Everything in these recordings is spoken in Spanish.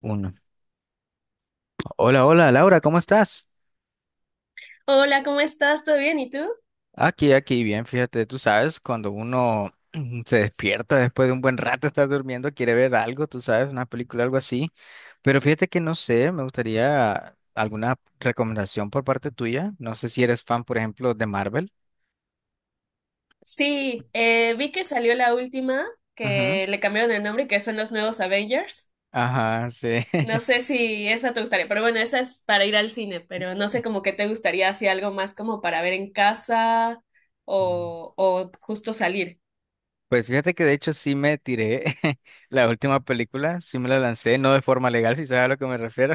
Uno. Hola, hola, Laura, ¿cómo estás? Hola, ¿cómo estás? ¿Todo bien? ¿Y tú? Aquí, bien, fíjate, tú sabes, cuando uno se despierta después de un buen rato, estás durmiendo, quiere ver algo, tú sabes, una película, algo así, pero fíjate que no sé, me gustaría alguna recomendación por parte tuya, no sé si eres fan, por ejemplo, de Marvel. Sí, vi que salió la última, Ujú. que le cambiaron el nombre, que son los nuevos Avengers. Ajá, sí. No sé si esa te gustaría, pero bueno, esa es para ir al cine, pero no sé como que te gustaría así algo más como para ver en casa Mm. o justo salir. Pues fíjate que de hecho sí me tiré la última película, sí me la lancé, no de forma legal, si sabes a lo que me refiero.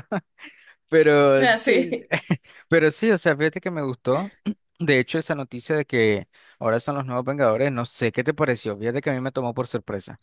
Pero Ah, sí, sí. pero sí, o sea, fíjate que me gustó. De hecho, esa noticia de que ahora son los nuevos Vengadores, no sé qué te pareció. Fíjate que a mí me tomó por sorpresa.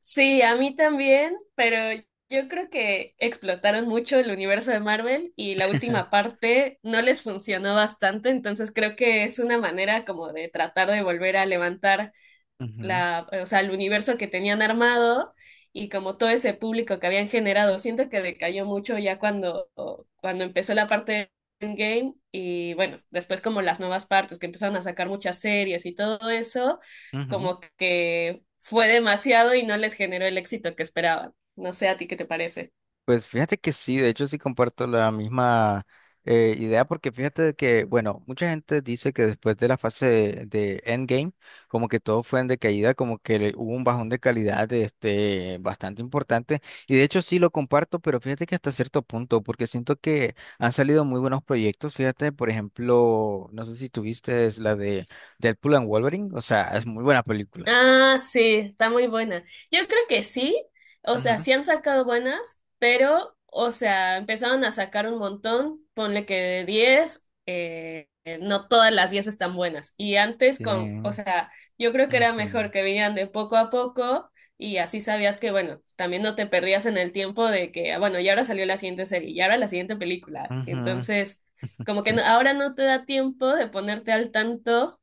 Sí, a mí también, pero yo creo que explotaron mucho el universo de Marvel y la última parte no les funcionó bastante, entonces creo que es una manera como de tratar de volver a levantar Ujú, o sea, el universo que tenían armado y como todo ese público que habían generado. Siento que decayó mucho ya cuando empezó la parte de Endgame y bueno, después como las nuevas partes que empezaron a sacar muchas series y todo eso, ujú. como que fue demasiado y no les generó el éxito que esperaban. No sé a ti qué te parece. Pues fíjate que sí, de hecho sí comparto la misma idea, porque fíjate de que, bueno, mucha gente dice que después de la fase de Endgame, como que todo fue en decaída, como que hubo un bajón de calidad, este, bastante importante y de hecho sí lo comparto, pero fíjate que hasta cierto punto, porque siento que han salido muy buenos proyectos. Fíjate, por ejemplo, no sé si tuviste es la de Deadpool and Wolverine. O sea, es muy buena película. Ah, sí, está muy buena. Yo creo que sí, o sea, Ujú. sí han sacado buenas, pero, o sea, empezaron a sacar un montón, ponle que de 10, no todas las 10 están buenas. Y antes Sí. con, o sea, yo creo que era mejor Ujú. que vinieran de poco a poco y así sabías que, bueno, también no te perdías en el tiempo de que, ah, bueno, y ahora salió la siguiente serie, y ahora la siguiente película. Ujú. Entonces, como que ahora no te da tiempo de ponerte al tanto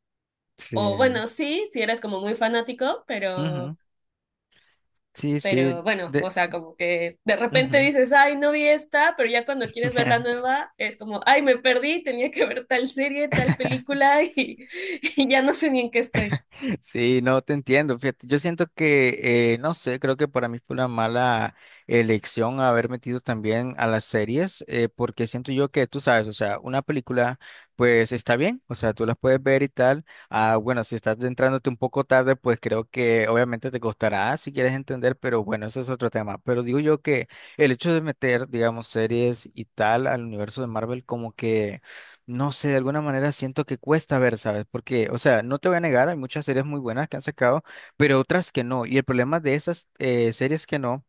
Sí. o bueno, sí, si eres como muy fanático, pero, Ujú. Sí, sí, pero bueno, o de... sea, como que de repente ujú. dices, ay, no vi esta, pero ya cuando quieres ver la nueva, es como, ay, me perdí, tenía que ver tal serie, tal película y, y ya no sé ni en qué estoy. Sí, no te entiendo. Fíjate, yo siento que, no sé, creo que para mí fue una mala elección haber metido también a las series, porque siento yo que, tú sabes, o sea, una película, pues está bien, o sea, tú las puedes ver y tal. Ah, bueno, si estás entrándote un poco tarde, pues creo que obviamente te costará si quieres entender, pero bueno, ese es otro tema. Pero digo yo que el hecho de meter, digamos, series y tal al universo de Marvel, como que... No sé, de alguna manera siento que cuesta ver, ¿sabes? Porque, o sea, no te voy a negar, hay muchas series muy buenas que han sacado, pero otras que no. Y el problema de esas series que no,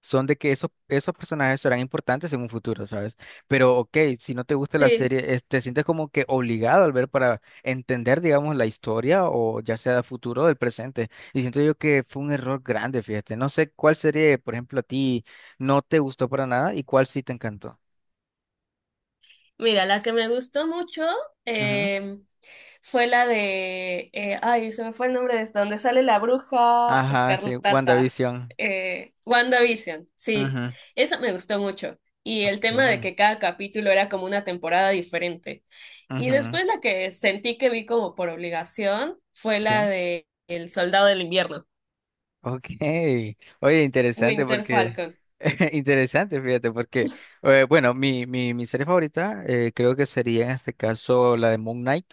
son de que esos personajes serán importantes en un futuro, ¿sabes? Pero, ok, si no te gusta la Sí. serie, te sientes como que obligado al ver para entender, digamos, la historia o ya sea del futuro o del presente. Y siento yo que fue un error grande, fíjate. No sé cuál serie, por ejemplo, a ti no te gustó para nada y cuál sí te encantó. Mira, la que me gustó mucho Ujú. eh, fue la de, ay, se me fue el nombre de esta, donde sale la bruja Ajá, sí, escarlata, WandaVision. WandaVision, sí, Ujú, esa me gustó mucho. Y el tema de okay. que cada capítulo era como una temporada diferente. Y Ujú. después la que sentí que vi como por obligación fue la Sí. de El Soldado del Invierno, Ok. Oye, interesante Winter porque... Falcon. Interesante, fíjate, porque... bueno, mi serie favorita, creo que sería en este caso la de Moon Knight.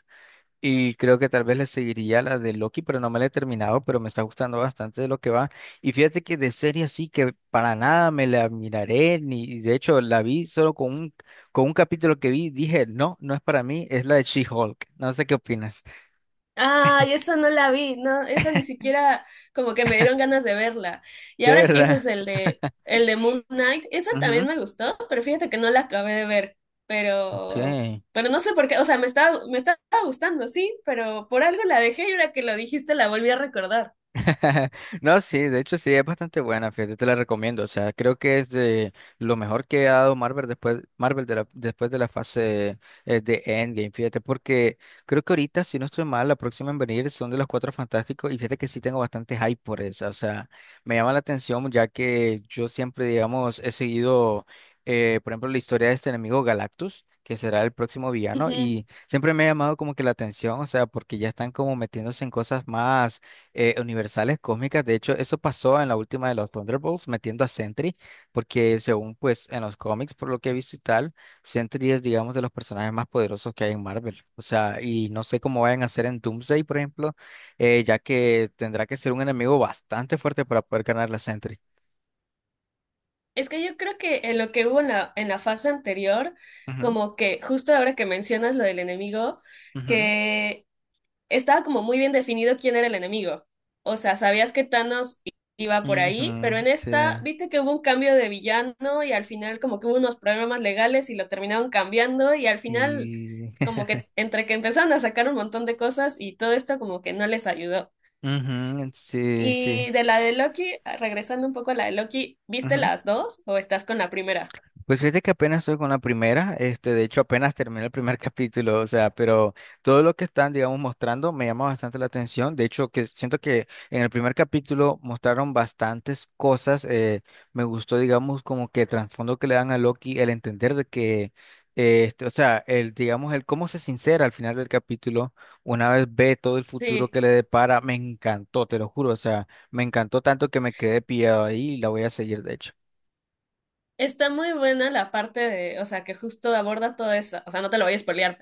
Y creo que tal vez le seguiría la de Loki, pero no me la he terminado, pero me está gustando bastante de lo que va. Y fíjate que de serie así que para nada me la miraré, ni, y de hecho la vi solo con un, capítulo que vi, dije, no, no es para mí, es la de She-Hulk. No sé qué opinas. Ay, esa no la vi, no, esa ni siquiera como que me dieron ganas de verla. Y De ahora que verdad. dices el de Moon Knight, esa también Ujú. me gustó, pero fíjate que no la acabé de ver. Ok. Pero, pero no sé por qué, o sea, me estaba gustando, sí, pero por algo la dejé y ahora que lo dijiste la volví a recordar. No, sí, de hecho sí, es bastante buena, fíjate, te la recomiendo. O sea, creo que es de lo mejor que ha dado Marvel después, Marvel después de la fase, de Endgame, fíjate, porque creo que ahorita, si no estoy mal, la próxima en venir son de los Cuatro Fantásticos, y fíjate que sí tengo bastante hype por esa. O sea, me llama la atención, ya que yo siempre, digamos, he seguido, por ejemplo, la historia de este enemigo Galactus, que será el próximo villano, Ujú. y siempre me ha llamado como que la atención. O sea, porque ya están como metiéndose en cosas más, universales, cósmicas. De hecho, eso pasó en la última de los Thunderbolts, metiendo a Sentry, porque, según pues en los cómics, por lo que he visto y tal, Sentry es, digamos, de los personajes más poderosos que hay en Marvel. O sea, y no sé cómo vayan a hacer en Doomsday, por ejemplo, ya que tendrá que ser un enemigo bastante fuerte para poder ganar la Sentry. Es que yo creo que en lo que hubo en la fase anterior, Ujú, como que justo ahora que mencionas lo del enemigo, ujú, que estaba como muy bien definido quién era el enemigo. O sea, sabías que Thanos iba por ahí, pero ujú, en sí. esta, viste que hubo un cambio de villano y al final como que hubo unos problemas legales y lo terminaron cambiando y al final Sí. como que entre que empezaron a sacar un montón de cosas y todo esto como que no les ayudó. Ujú, sí, sí. Y de la de Loki, regresando un poco a la de Loki, ¿viste las dos o estás con la primera? Pues fíjate que apenas estoy con la primera, este, de hecho apenas terminé el primer capítulo, o sea, pero todo lo que están, digamos, mostrando me llama bastante la atención. De hecho, que siento que en el primer capítulo mostraron bastantes cosas. Me gustó, digamos, como que el trasfondo que le dan a Loki, el entender de que, este, o sea, el, digamos, el cómo se sincera al final del capítulo, una vez ve todo el futuro Sí, que le depara, me encantó, te lo juro, o sea, me encantó tanto que me quedé pillado ahí y la voy a seguir, de hecho. está muy buena la parte de, o sea, que justo aborda todo eso, o sea, no te lo voy a spoilear,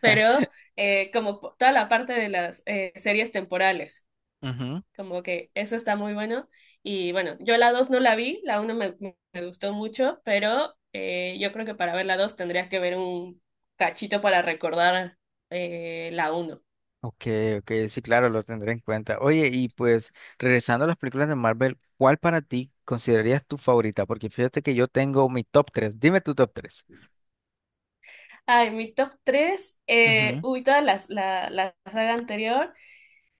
pero como toda la parte de las series temporales, Ujú. como que eso está muy bueno. Y bueno, yo la 2 no la vi, la uno me gustó mucho, pero yo creo que para ver la 2 tendrías que ver un cachito para recordar la 1. Ok, ok, sí, claro, lo tendré en cuenta. Oye, y pues, regresando a las películas de Marvel, ¿cuál para ti considerarías tu favorita? Porque fíjate que yo tengo mi top tres. Dime tu top tres. Ay, mi top 3 Ujú. uy, toda la saga anterior,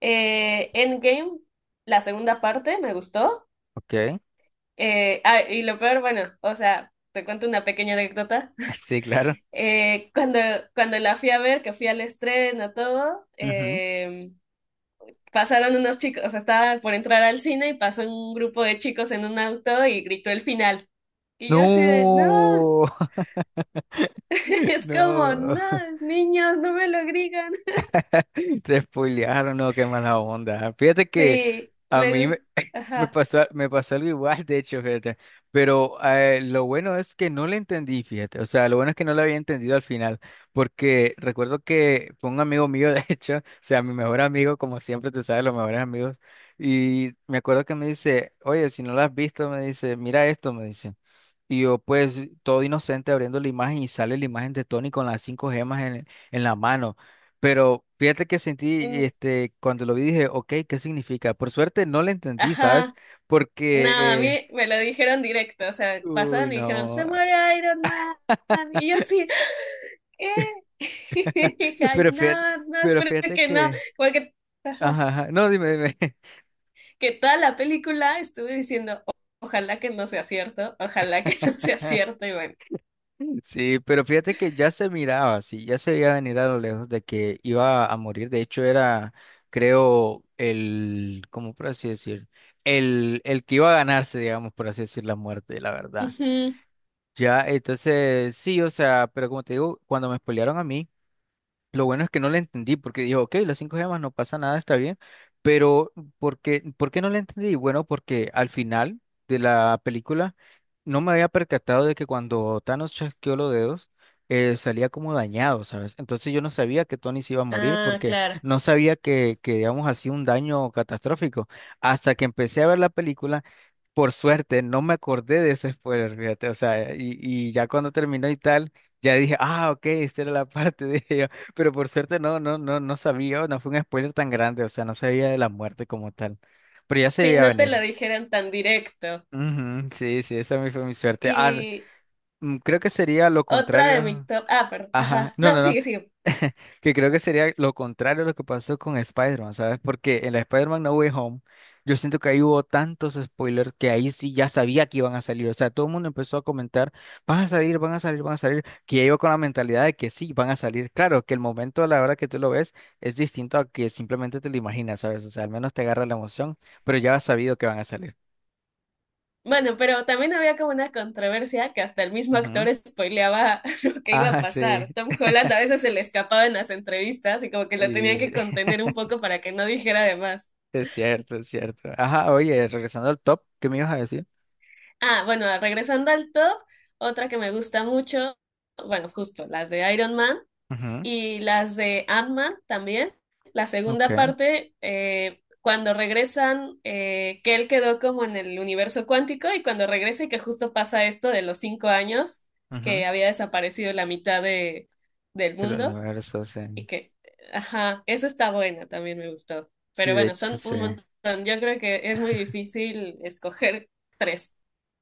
Endgame, la segunda parte, me gustó. Ok, Y lo peor, bueno, o sea, te cuento una pequeña anécdota. sí, claro. Eh, cuando, cuando la fui a ver, que fui al estreno, todo, Ujú. Pasaron unos chicos, o sea, estaba por entrar al cine y pasó un grupo de chicos en un auto y gritó el final. Y yo así de, no, No, es como, no. no, niños, no me lo gritan. Te spoilearon, no, qué mala onda. Fíjate que Sí, a me mí me, gusta, me ajá, pasó, me pasó algo igual, de hecho, fíjate. Pero, lo bueno es que no le entendí, fíjate. O sea, lo bueno es que no lo había entendido al final. Porque recuerdo que fue un amigo mío, de hecho, o sea, mi mejor amigo, como siempre, tú sabes, los mejores amigos. Y me acuerdo que me dice, oye, si no lo has visto, me dice, mira esto, me dice. Y yo, pues, todo inocente abriendo la imagen, y sale la imagen de Tony con las cinco gemas en, la mano. Pero fíjate que sentí, mm, este, cuando lo vi dije, ok, ¿qué significa? Por suerte no lo entendí, ¿sabes? ajá. No, a Porque, mí me lo dijeron directo, o sea, uy, pasaron y dijeron, no. se muere Iron Man. Y yo así, ¿qué? dije, ay, Pero fíjate, no, no, pero espero fíjate que no, que, porque... Ajá. ajá, ajá, no, dime, dime. Que toda la película estuve diciendo, ojalá que no sea cierto, ojalá que no sea cierto", y bueno. Sí, pero fíjate que ya se miraba, sí, ya se veía venir a lo lejos de que iba a morir. De hecho, era, creo, el, ¿cómo por así decir? El que iba a ganarse, digamos, por así decir, la muerte, la verdad. Ujú. Ya, entonces, sí, o sea, pero como te digo, cuando me spoilearon a mí, lo bueno es que no la entendí porque digo, ok, las cinco gemas no pasa nada, está bien, pero ¿por qué no la entendí? Bueno, porque al final de la película no me había percatado de que cuando Thanos chasqueó los dedos, salía como dañado, ¿sabes? Entonces yo no sabía que Tony se iba a morir Ah, porque claro. no sabía que digamos así, un daño catastrófico. Hasta que empecé a ver la película. Por suerte, no me acordé de ese spoiler, fíjate, o sea, y ya cuando terminó y tal, ya dije, ah, ok, esta era la parte, dije yo, pero por suerte no, no, no, no sabía, no fue un spoiler tan grande, o sea, no sabía de la muerte como tal, pero ya se Si veía no te lo venir. dijeran tan directo. Ujú, sí, sí, esa fue mi suerte. Ah, Y creo que sería lo otra de mi contrario. top. Ah, perdón. Ajá, Ajá. no, No, no, no. sigue, sigue. Que creo que sería lo contrario a lo que pasó con Spider-Man, ¿sabes? Porque en la Spider-Man No Way Home, yo siento que ahí hubo tantos spoilers que ahí sí ya sabía que iban a salir. O sea, todo el mundo empezó a comentar, van a salir, van a salir, van a salir, que ya iba con la mentalidad de que sí, van a salir. Claro, que el momento, a la hora que tú lo ves, es distinto a que simplemente te lo imaginas, ¿sabes? O sea, al menos te agarra la emoción, pero ya has sabido que van a salir. Bueno, pero también había como una controversia que hasta el mismo Ujú. actor spoileaba lo que iba a Ah, pasar. sí. Tom Holland a veces se le escapaba en las entrevistas y como que lo tenían Sí, que contener un poco para que no dijera de más. es cierto, es cierto. Ajá, oye, regresando al top, ¿qué me ibas a decir? Ah, bueno, regresando al top, otra que me gusta mucho, bueno, justo las de Iron Man y las de Ant-Man también. La Ok. segunda parte, cuando regresan, que él quedó como en el universo cuántico y cuando regresa y que justo pasa esto de los 5 años, Ujú. que había desaparecido la mitad del Del mundo universo, sí. y que, ajá, esa está buena, también me gustó. Sí, Pero de bueno, hecho, son sí. un montón. Yo creo que es muy difícil escoger tres.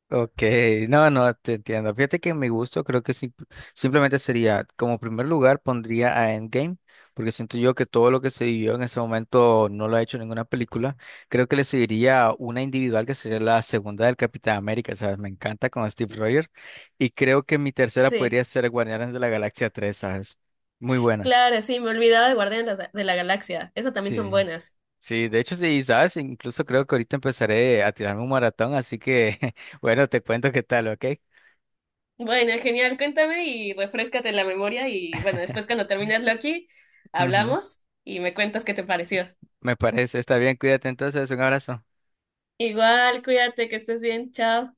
Ok, no, no, te entiendo. Fíjate que mi gusto creo que simplemente sería, como primer lugar, pondría a Endgame, porque siento yo que todo lo que se vivió en ese momento no lo ha hecho ninguna película. Creo que le seguiría una individual, que sería la segunda del Capitán América, ¿sabes? Me encanta con Steve Rogers. Y creo que mi tercera Sí. podría ser Guardianes de la Galaxia 3, ¿sabes? Muy buena. Claro, sí, me olvidaba de Guardianes de la Galaxia. Esas también son Sí. buenas. Sí, de hecho sí, sabes, incluso creo que ahorita empezaré a tirarme un maratón, así que bueno, te cuento qué tal, ¿ok? Bueno, genial, cuéntame y refréscate la memoria y bueno, después cuando termines Loki, Ujú. hablamos y me cuentas qué te pareció. Me parece, está bien, cuídate entonces, un abrazo. Igual, cuídate, que estés bien, chao.